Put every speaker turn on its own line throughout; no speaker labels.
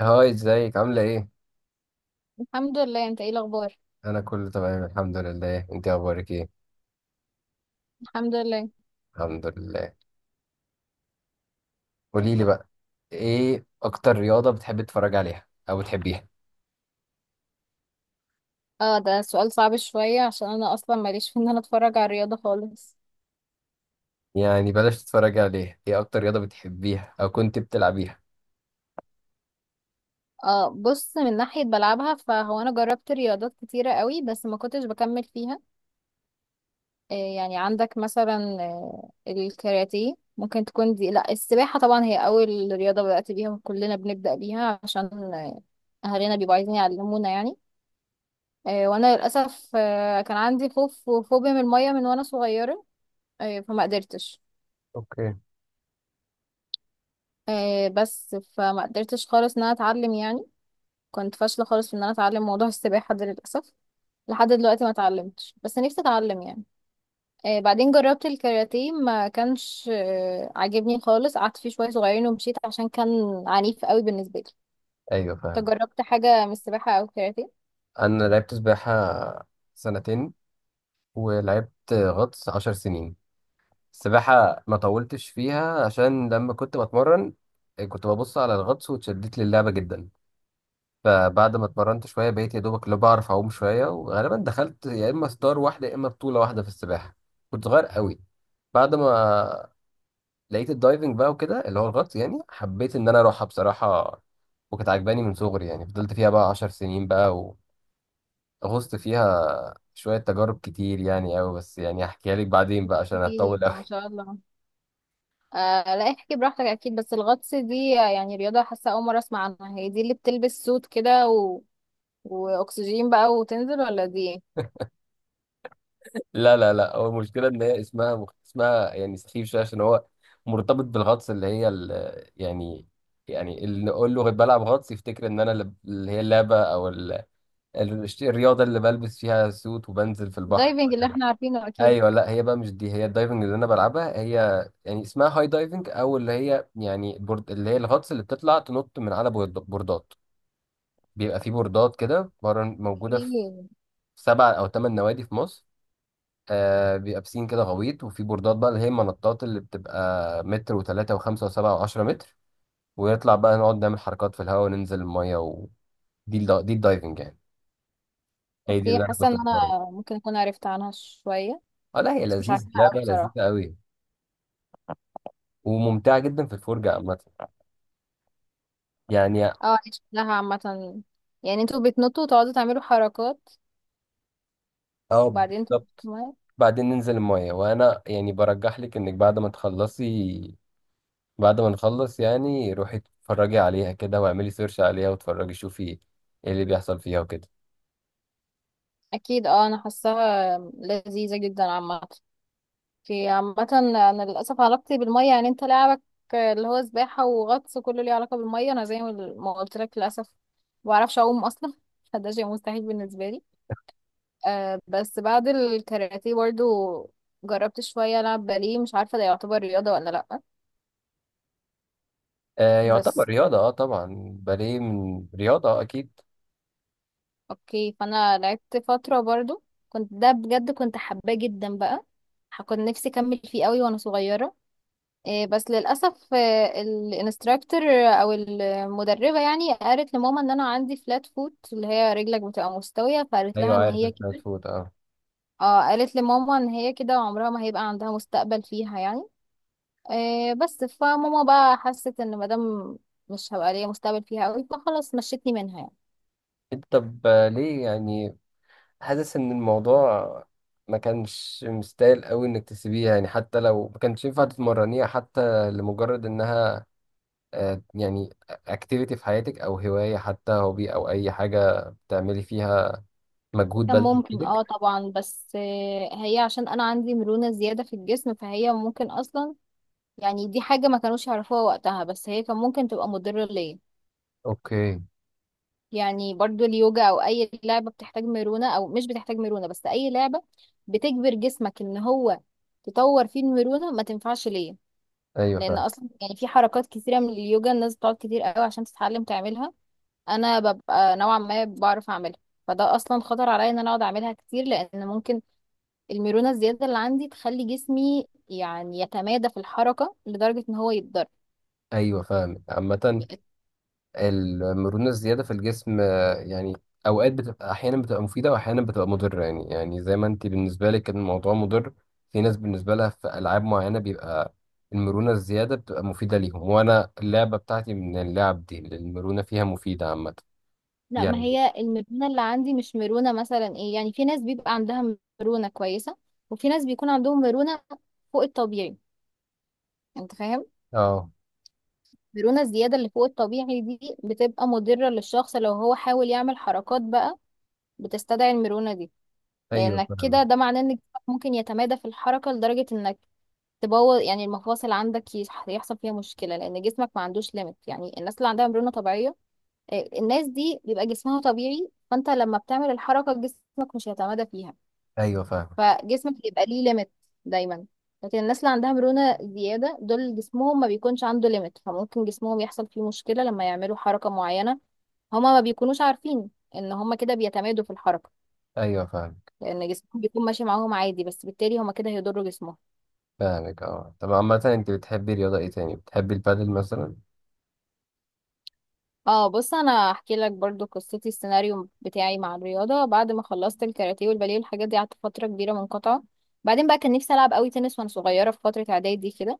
هاي، ازيك؟ عاملة ايه؟
الحمد لله. انت ايه الاخبار؟
انا كله تمام الحمد لله. انت اخبارك ايه؟
الحمد لله.
الحمد لله. قولي لي بقى، ايه اكتر رياضة بتحبي تتفرجي عليها او بتحبيها؟
اه، ده سؤال صعب شوية عشان انا اصلا ماليش في ان انا اتفرج على الرياضة خالص.
يعني بلاش تتفرجي عليها، ايه اكتر رياضة بتحبيها او كنت بتلعبيها؟
اه، بص، من ناحية بلعبها فهو انا جربت رياضات كتيرة قوي بس ما كنتش بكمل فيها. آه، يعني عندك مثلا الكاراتيه ممكن تكون دي. لا، السباحة طبعا هي اول رياضة بدأت بيها وكلنا بنبدأ بيها عشان آه، اهالينا بيبقوا عايزين يعلمونا يعني. آه، وانا للأسف كان عندي خوف وفوبيا من المية وانا صغيرة. آه، فما قدرتش.
اوكي.
بس فما قدرتش خالص ان انا اتعلم يعني. كنت فاشله خالص في ان انا اتعلم موضوع السباحه ده للاسف. لحد دلوقتي ما اتعلمتش بس نفسي اتعلم يعني. آه، بعدين جربت الكاراتيه ما كانش عاجبني خالص. قعدت فيه شويه صغيرين ومشيت عشان كان عنيف قوي بالنسبه لي.
ايوه
انت
فاهم.
جربت حاجه من السباحه او الكاراتيه؟
انا لعبت سباحة سنتين، ولعبت غطس 10 سنين. السباحة ما طولتش فيها عشان لما كنت بتمرن كنت ببص على الغطس واتشدت للعبة جدا. فبعد ما اتمرنت شوية بقيت يا دوبك اللي بعرف أعوم شوية، وغالبا دخلت يا إما ستار واحدة يا إما بطولة واحدة في السباحة. كنت صغير قوي. بعد ما لقيت الدايفنج بقى وكده، اللي هو الغطس يعني، حبيت إن أنا أروحها بصراحة. وكانت عجباني من صغري، يعني فضلت فيها بقى 10 سنين بقى. وغصت فيها شوية، تجارب كتير يعني أوي، بس يعني هحكيها لك بعدين بقى عشان
ايه،
هتطول
ما
أوي.
شاء الله. آه، لا، احكي براحتك اكيد. بس الغطس دي يعني رياضه، حاسه اول مره اسمع عنها. هي دي اللي بتلبس سوت كده واكسجين بقى وتنزل، ولا دي
لا لا لا، هو المشكلة إن هي اسمها اسمها يعني سخيف شوية، عشان هو مرتبط بالغطس اللي هي يعني يعني اللي نقول له بلعب غطس يفتكر إن أنا اللي هي اللعبة أو الرياضة اللي بلبس فيها سوت وبنزل في البحر
الدايفنج اللي
وكده.
احنا عارفينه اكيد؟
أيوه لا، هي بقى مش دي. هي الدايفنج اللي أنا بلعبها، هي يعني اسمها هاي دايفنج. أو اللي هي يعني اللي هي الغطس اللي بتطلع تنط من على بوردات. بيبقى في بوردات كده بره، موجودة في
في.
7 أو 8 نوادي في مصر. بيبقى بسين كده غويط، وفي بوردات بقى اللي هي المنطات، اللي بتبقى متر و3 و5 و7 و10 متر. ونطلع بقى نقعد نعمل حركات في الهواء، وننزل المية دي الدايفنج يعني. هي دي
اوكي،
اللي أنا
حاسه
كنت
ان
بتمرن.
انا ممكن اكون عرفت عنها شويه،
اه لا، هي
بس مش
لذيذ،
عارفاها
لعبة
قوي بصراحه.
لذيذة قوي وممتعة جدا في الفرجة عامة يعني.
اه، دي شكلها عامه، يعني انتوا بتنطوا وتقعدوا تعملوا حركات
اه
وبعدين تنطوا في
بالظبط.
المية.
بعدين ننزل المية. وأنا يعني برجح لك إنك بعد ما تخلصي، بعد ما نخلص يعني، روحي اتفرجي عليها كده، واعملي سيرش عليها، واتفرجي شوفي ايه اللي بيحصل فيها وكده.
اكيد. اه، انا حاساها لذيذه جدا عامه. في عامه انا للاسف علاقتي بالميه، يعني انت لعبك اللي هو سباحه وغطس كله ليه علاقه بالميه. انا زي ما قلت لك، للاسف ما بعرفش اعوم اصلا، فده شيء مستحيل بالنسبه لي. آه، بس بعد الكاراتيه برضو جربت شوية ألعب باليه، مش عارفة ده يعتبر رياضة ولا لأ.
آه يعتبر
بس
رياضة، اه طبعا باليه من رياضة اكيد.
أوكي، فأنا لعبت فترة برضو، كنت ده بجد كنت حباه جدا بقى. كنت نفسي أكمل فيه قوي وأنا صغيرة. آه، بس للأسف الانستراكتور أو المدربة يعني قالت لماما إن أنا عندي فلات فوت، اللي هي رجلك بتبقى مستوية، فقالت
ايوه،
لها إن
عارف
هي
الفلات
كده.
فود اه.
اه، قالت لماما إن هي كده عمرها ما هيبقى عندها مستقبل فيها يعني. آه، بس فماما بقى حست ان مادام مش هبقى ليا مستقبل فيها قوي فخلاص مشيتني منها يعني.
انت طب، ليه يعني؟ حاسس ان الموضوع ما كانش مستاهل قوي انك تسيبيها، يعني حتى لو ما كانش ينفع تتمرنيها، حتى لمجرد انها يعني اكتيفيتي في حياتك، او هواية، حتى هوبي، او اي حاجة بتعملي فيها مجهود
كان
بدني
ممكن،
بايدك.
اه طبعا. بس هي عشان انا عندي مرونة زيادة في الجسم فهي ممكن اصلا، يعني دي حاجة ما كانوش يعرفوها وقتها، بس هي كان ممكن تبقى مضرة ليا.
اوكي.
يعني برضو اليوجا او اي لعبة بتحتاج مرونة او مش بتحتاج مرونة، بس اي لعبة بتجبر جسمك ان هو تطور فيه المرونة ما تنفعش ليا.
ايوه
لان
فاهم.
اصلا يعني في حركات كتيرة من اليوجا الناس بتقعد كتير قوي عشان تتعلم تعملها، انا ببقى نوعا ما بعرف اعملها، فده اصلا خطر عليا ان انا اقعد اعملها كتير لان ممكن الميرونه الزياده اللي عندي تخلي جسمي يعني يتمادى في الحركه لدرجه ان هو يتضر.
ايوه فاهم عامة. المرونة الزيادة في الجسم يعني أوقات بتبقى، أحيانا بتبقى مفيدة وأحيانا بتبقى مضرة، يعني زي ما أنت بالنسبة لك كان الموضوع مضر. في ناس بالنسبة لها في ألعاب معينة بيبقى المرونة الزيادة بتبقى مفيدة ليهم، وأنا اللعبة بتاعتي من اللعب دي اللي المرونة فيها مفيدة عامة
لا، ما
يعني.
هي الميرونه اللي عندي مش ميرونه مثلا، ايه يعني، في ناس بيبقى عندها ميرونه كويسه، وفي ناس بيكون عندهم ميرونه فوق الطبيعي. انت فاهم؟
أه.
الميرونه الزياده اللي فوق الطبيعي دي بتبقى مضره للشخص لو هو حاول يعمل حركات بقى بتستدعي الميرونه دي.
أيوه
لانك
فاهمك.
كده ده معناه ان جسمك ممكن يتمادى في الحركه لدرجه انك تبوظ، يعني المفاصل عندك يحصل فيها مشكله لان جسمك ما عندوش ليميت. يعني الناس اللي عندها مرونه طبيعيه، الناس دي بيبقى جسمها طبيعي، فانت لما بتعمل الحركه جسمك مش هيتمادى فيها،
أيوه فاهمك.
فجسمك بيبقى ليه ليميت دايما. لكن الناس اللي عندها مرونه زياده دول جسمهم ما بيكونش عنده ليميت، فممكن جسمهم يحصل فيه مشكله لما يعملوا حركه معينه. هما ما بيكونوش عارفين ان هما كده بيتمادوا في الحركه،
أيوه فاهمك.
لان جسمهم بيكون ماشي معاهم عادي، بس بالتالي هما كده هيضروا جسمهم.
فاهمك أه، طب عامة، أنت بتحبي رياضة إيه تاني؟ بتحبي البادل مثلا؟
اه، بص، انا هحكي لك برضو قصتي، السيناريو بتاعي مع الرياضه. بعد ما خلصت الكاراتيه والباليه والحاجات دي قعدت فتره كبيره منقطعه. بعدين بقى كان نفسي العب قوي تنس وانا صغيره في فتره اعدادي كده.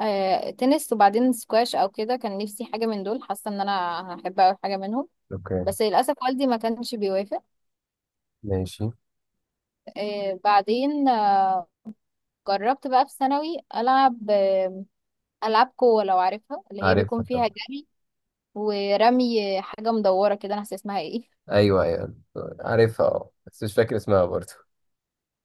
آه، تنس وبعدين سكواش او كده، كان نفسي حاجه من دول، حاسه ان انا هحب قوي حاجه منهم.
أوكي.
بس للاسف والدي ما كانش بيوافق.
ماشي.
بعدين جربت بقى في ثانوي العب العاب قوه، لو عارفها، اللي هي بيكون
عارفها
فيها
طبعا.
جري ورمي حاجة مدورة كده، انا ناسية اسمها ايه.
ايوه ايوه. عارفها، بس مش فاكر اسمها برضه.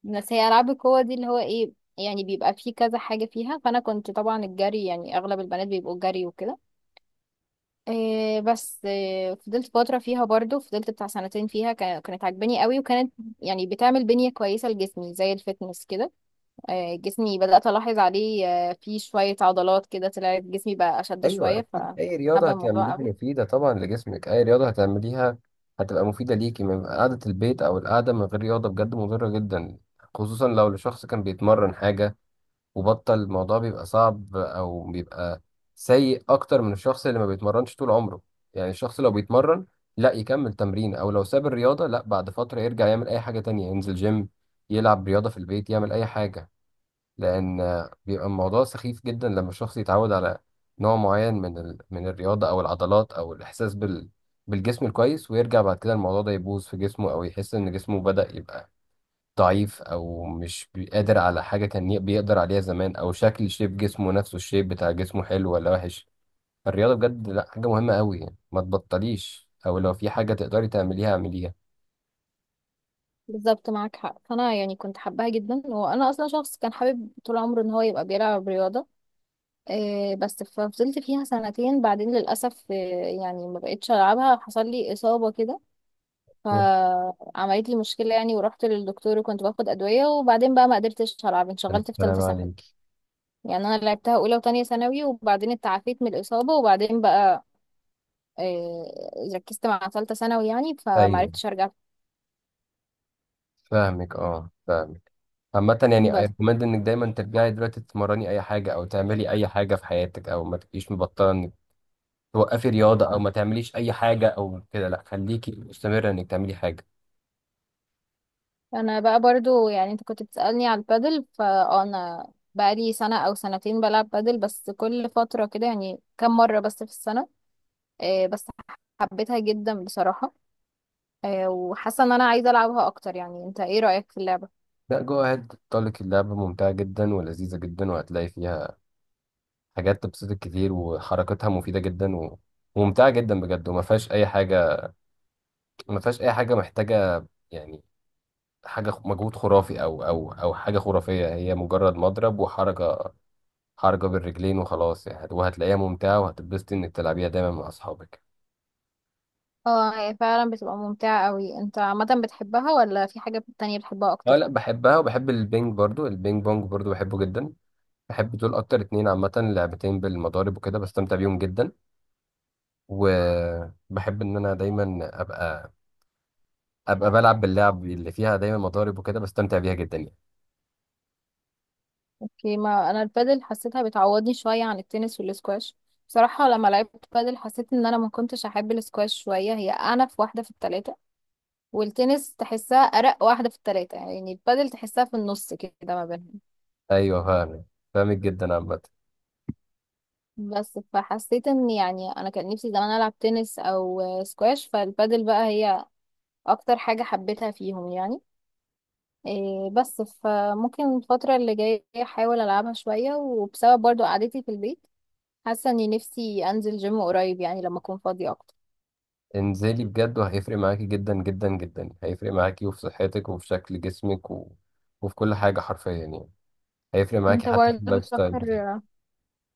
بس هي ألعاب القوة دي اللي هو ايه، يعني بيبقى فيه كذا حاجة فيها، فأنا كنت طبعا الجري، يعني أغلب البنات بيبقوا الجري وكده. إيه بس إيه، فضلت فترة فيها برضو، فضلت بتاع سنتين فيها كانت عاجباني قوي، وكانت يعني بتعمل بنية كويسة لجسمي زي الفتنس كده. إيه، جسمي بدأت ألاحظ عليه فيه شوية عضلات كده، طلعت جسمي بقى أشد
ايوه
شوية،
اكيد، اي رياضه
فحابة الموضوع
هتعمليها
قوي.
مفيده طبعا لجسمك. اي رياضه هتعمليها هتبقى مفيده ليكي، من قعده البيت او القعده من غير رياضه بجد مضره جدا، خصوصا لو الشخص كان بيتمرن حاجه وبطل. الموضوع بيبقى صعب، او بيبقى سيء اكتر من الشخص اللي ما بيتمرنش طول عمره. يعني الشخص لو بيتمرن لا يكمل تمرين، او لو ساب الرياضه لا بعد فتره يرجع يعمل اي حاجه تانية، ينزل جيم، يلعب رياضه في البيت، يعمل اي حاجه. لان بيبقى الموضوع سخيف جدا لما الشخص يتعود على نوع معين من من الرياضه، او العضلات، او الاحساس بالجسم الكويس، ويرجع بعد كده الموضوع ده يبوظ في جسمه، او يحس ان جسمه بدأ يبقى ضعيف، او مش قادر على حاجه كان بيقدر عليها زمان، او شكل شيب جسمه نفسه، الشيب بتاع جسمه حلو ولا وحش. الرياضه بجد لا، حاجه مهمه قوي يعني، ما تبطليش، او لو في حاجه تقدري تعمليها اعمليها.
بالظبط، معاك حق. فانا يعني كنت حباها جدا، وانا اصلا شخص كان حابب طول عمره ان هو يبقى بيلعب رياضه. إيه بس ففضلت فيها سنتين، بعدين للاسف إيه، يعني ما بقتش العبها، حصل لي اصابه كده فعملت لي مشكله يعني، ورحت للدكتور وكنت باخد ادويه، وبعدين بقى ما قدرتش العب، انشغلت في
السلام
ثالثه ثانوي.
عليك.
يعني انا لعبتها اولى وتانية ثانوي، وبعدين اتعافيت من الاصابه، وبعدين بقى إيه ركزت مع ثالثه ثانوي يعني
ايوه
فمعرفتش ارجع.
فاهمك، فاهمك عامة. يعني I
بس
recommend انك دايما ترجعي دلوقتي تتمرني اي حاجة، او تعملي اي حاجة في حياتك، او ما تبقيش مبطلة انك توقفي رياضة، او ما تعمليش اي حاجة او كده. لا، خليكي مستمرة انك تعملي حاجة.
انا بقى برضو، يعني انت كنت بتسألني على البادل، فانا بقى لي سنة او سنتين بلعب بادل، بس كل فترة كده يعني، كم مرة بس في السنة. بس حبيتها جدا بصراحة. وحاسة ان انا عايزة العبها اكتر، يعني انت ايه رأيك في اللعبة؟
لا، جو اهيد، تطلق. اللعبة ممتعة جدا ولذيذة جدا، وهتلاقي فيها حاجات تبسطك كتير، وحركتها مفيدة جدا وممتعة جدا بجد. وما فيهاش اي حاجة، ما فيهاش اي حاجة محتاجة يعني، حاجة مجهود خرافي، او حاجة خرافية. هي مجرد مضرب وحركة، بالرجلين وخلاص يعني، وهتلاقيها ممتعة، وهتتبسطي إنك تلعبيها دايما مع أصحابك.
اه، هي فعلا بتبقى ممتعة قوي. انت عامة بتحبها، ولا في حاجة تانية بتحبها اكتر؟
أه لأ، بحبها، وبحب البينج برضو، البينج بونج برضو بحبه جدا. بحب دول أكتر 2 عامة، لعبتين بالمضارب وكده بستمتع بيهم جدا. وبحب إن أنا دايما أبقى بلعب باللعب اللي فيها دايما مضارب وكده بستمتع بيها جدا يعني.
اوكي، ما انا البادل حسيتها بتعوضني شوية عن التنس والسكواش. بصراحة لما لعبت بادل حسيت ان انا ما كنتش احب السكواش شوية، هي اعنف واحدة في التلاتة، والتنس تحسها أرق واحدة في التلاتة، يعني البادل تحسها في النص كده ما بينهم.
أيوه فاهمك. فاهمك جدا عامة.
بس فحسيت ان يعني انا كان نفسي زمان العب تنس او سكواش، فالبادل بقى هي اكتر حاجة حبيتها فيهم يعني. إيه بس فممكن الفترة اللي جاية احاول العبها شوية، وبسبب برضو قعدتي في البيت حاسة اني نفسي انزل جيم قريب، يعني لما اكون فاضية اكتر.
انزلي بجد، وهيفرق معاكي جدا جدا جدا. هيفرق معاكي وفي صحتك، وفي شكل جسمك وفي كل حاجة حرفيا يعني. هيفرق معاكي
انت
حتى في
برضو
اللايف ستايل
بتفكر
بتاعك.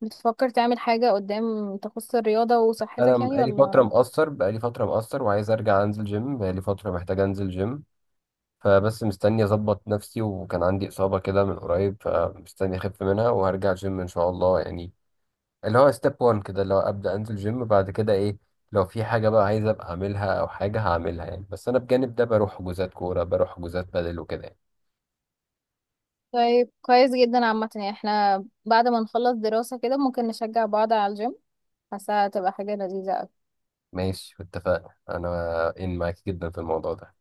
بتفكر تعمل حاجة قدام تخص الرياضة
انا
وصحتك يعني، ولا؟
بقالي فتره مقصر، وعايز ارجع انزل جيم. بقالي فتره محتاج انزل جيم، فبس مستني اظبط نفسي، وكان عندي اصابه كده من قريب فمستني اخف منها، وهرجع جيم ان شاء الله يعني. اللي هو ستيب 1 كده، اللي هو ابدا انزل جيم. بعد كده ايه لو في حاجه بقى عايز ابقى اعملها، او حاجه هعملها يعني. بس انا بجانب ده بروح حجوزات كوره، بروح حجوزات بدل وكده يعني.
طيب، كويس جدا عامة، يعني احنا بعد ما نخلص دراسة كده ممكن نشجع بعض على الجيم، حاسة هتبقى حاجة لذيذة أوي.
ماشي، اتفقنا. انا ان معاك جدا في الموضوع ده.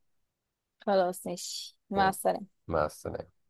خلاص، ماشي، مع
ماشي،
السلامة.
مع السلامه.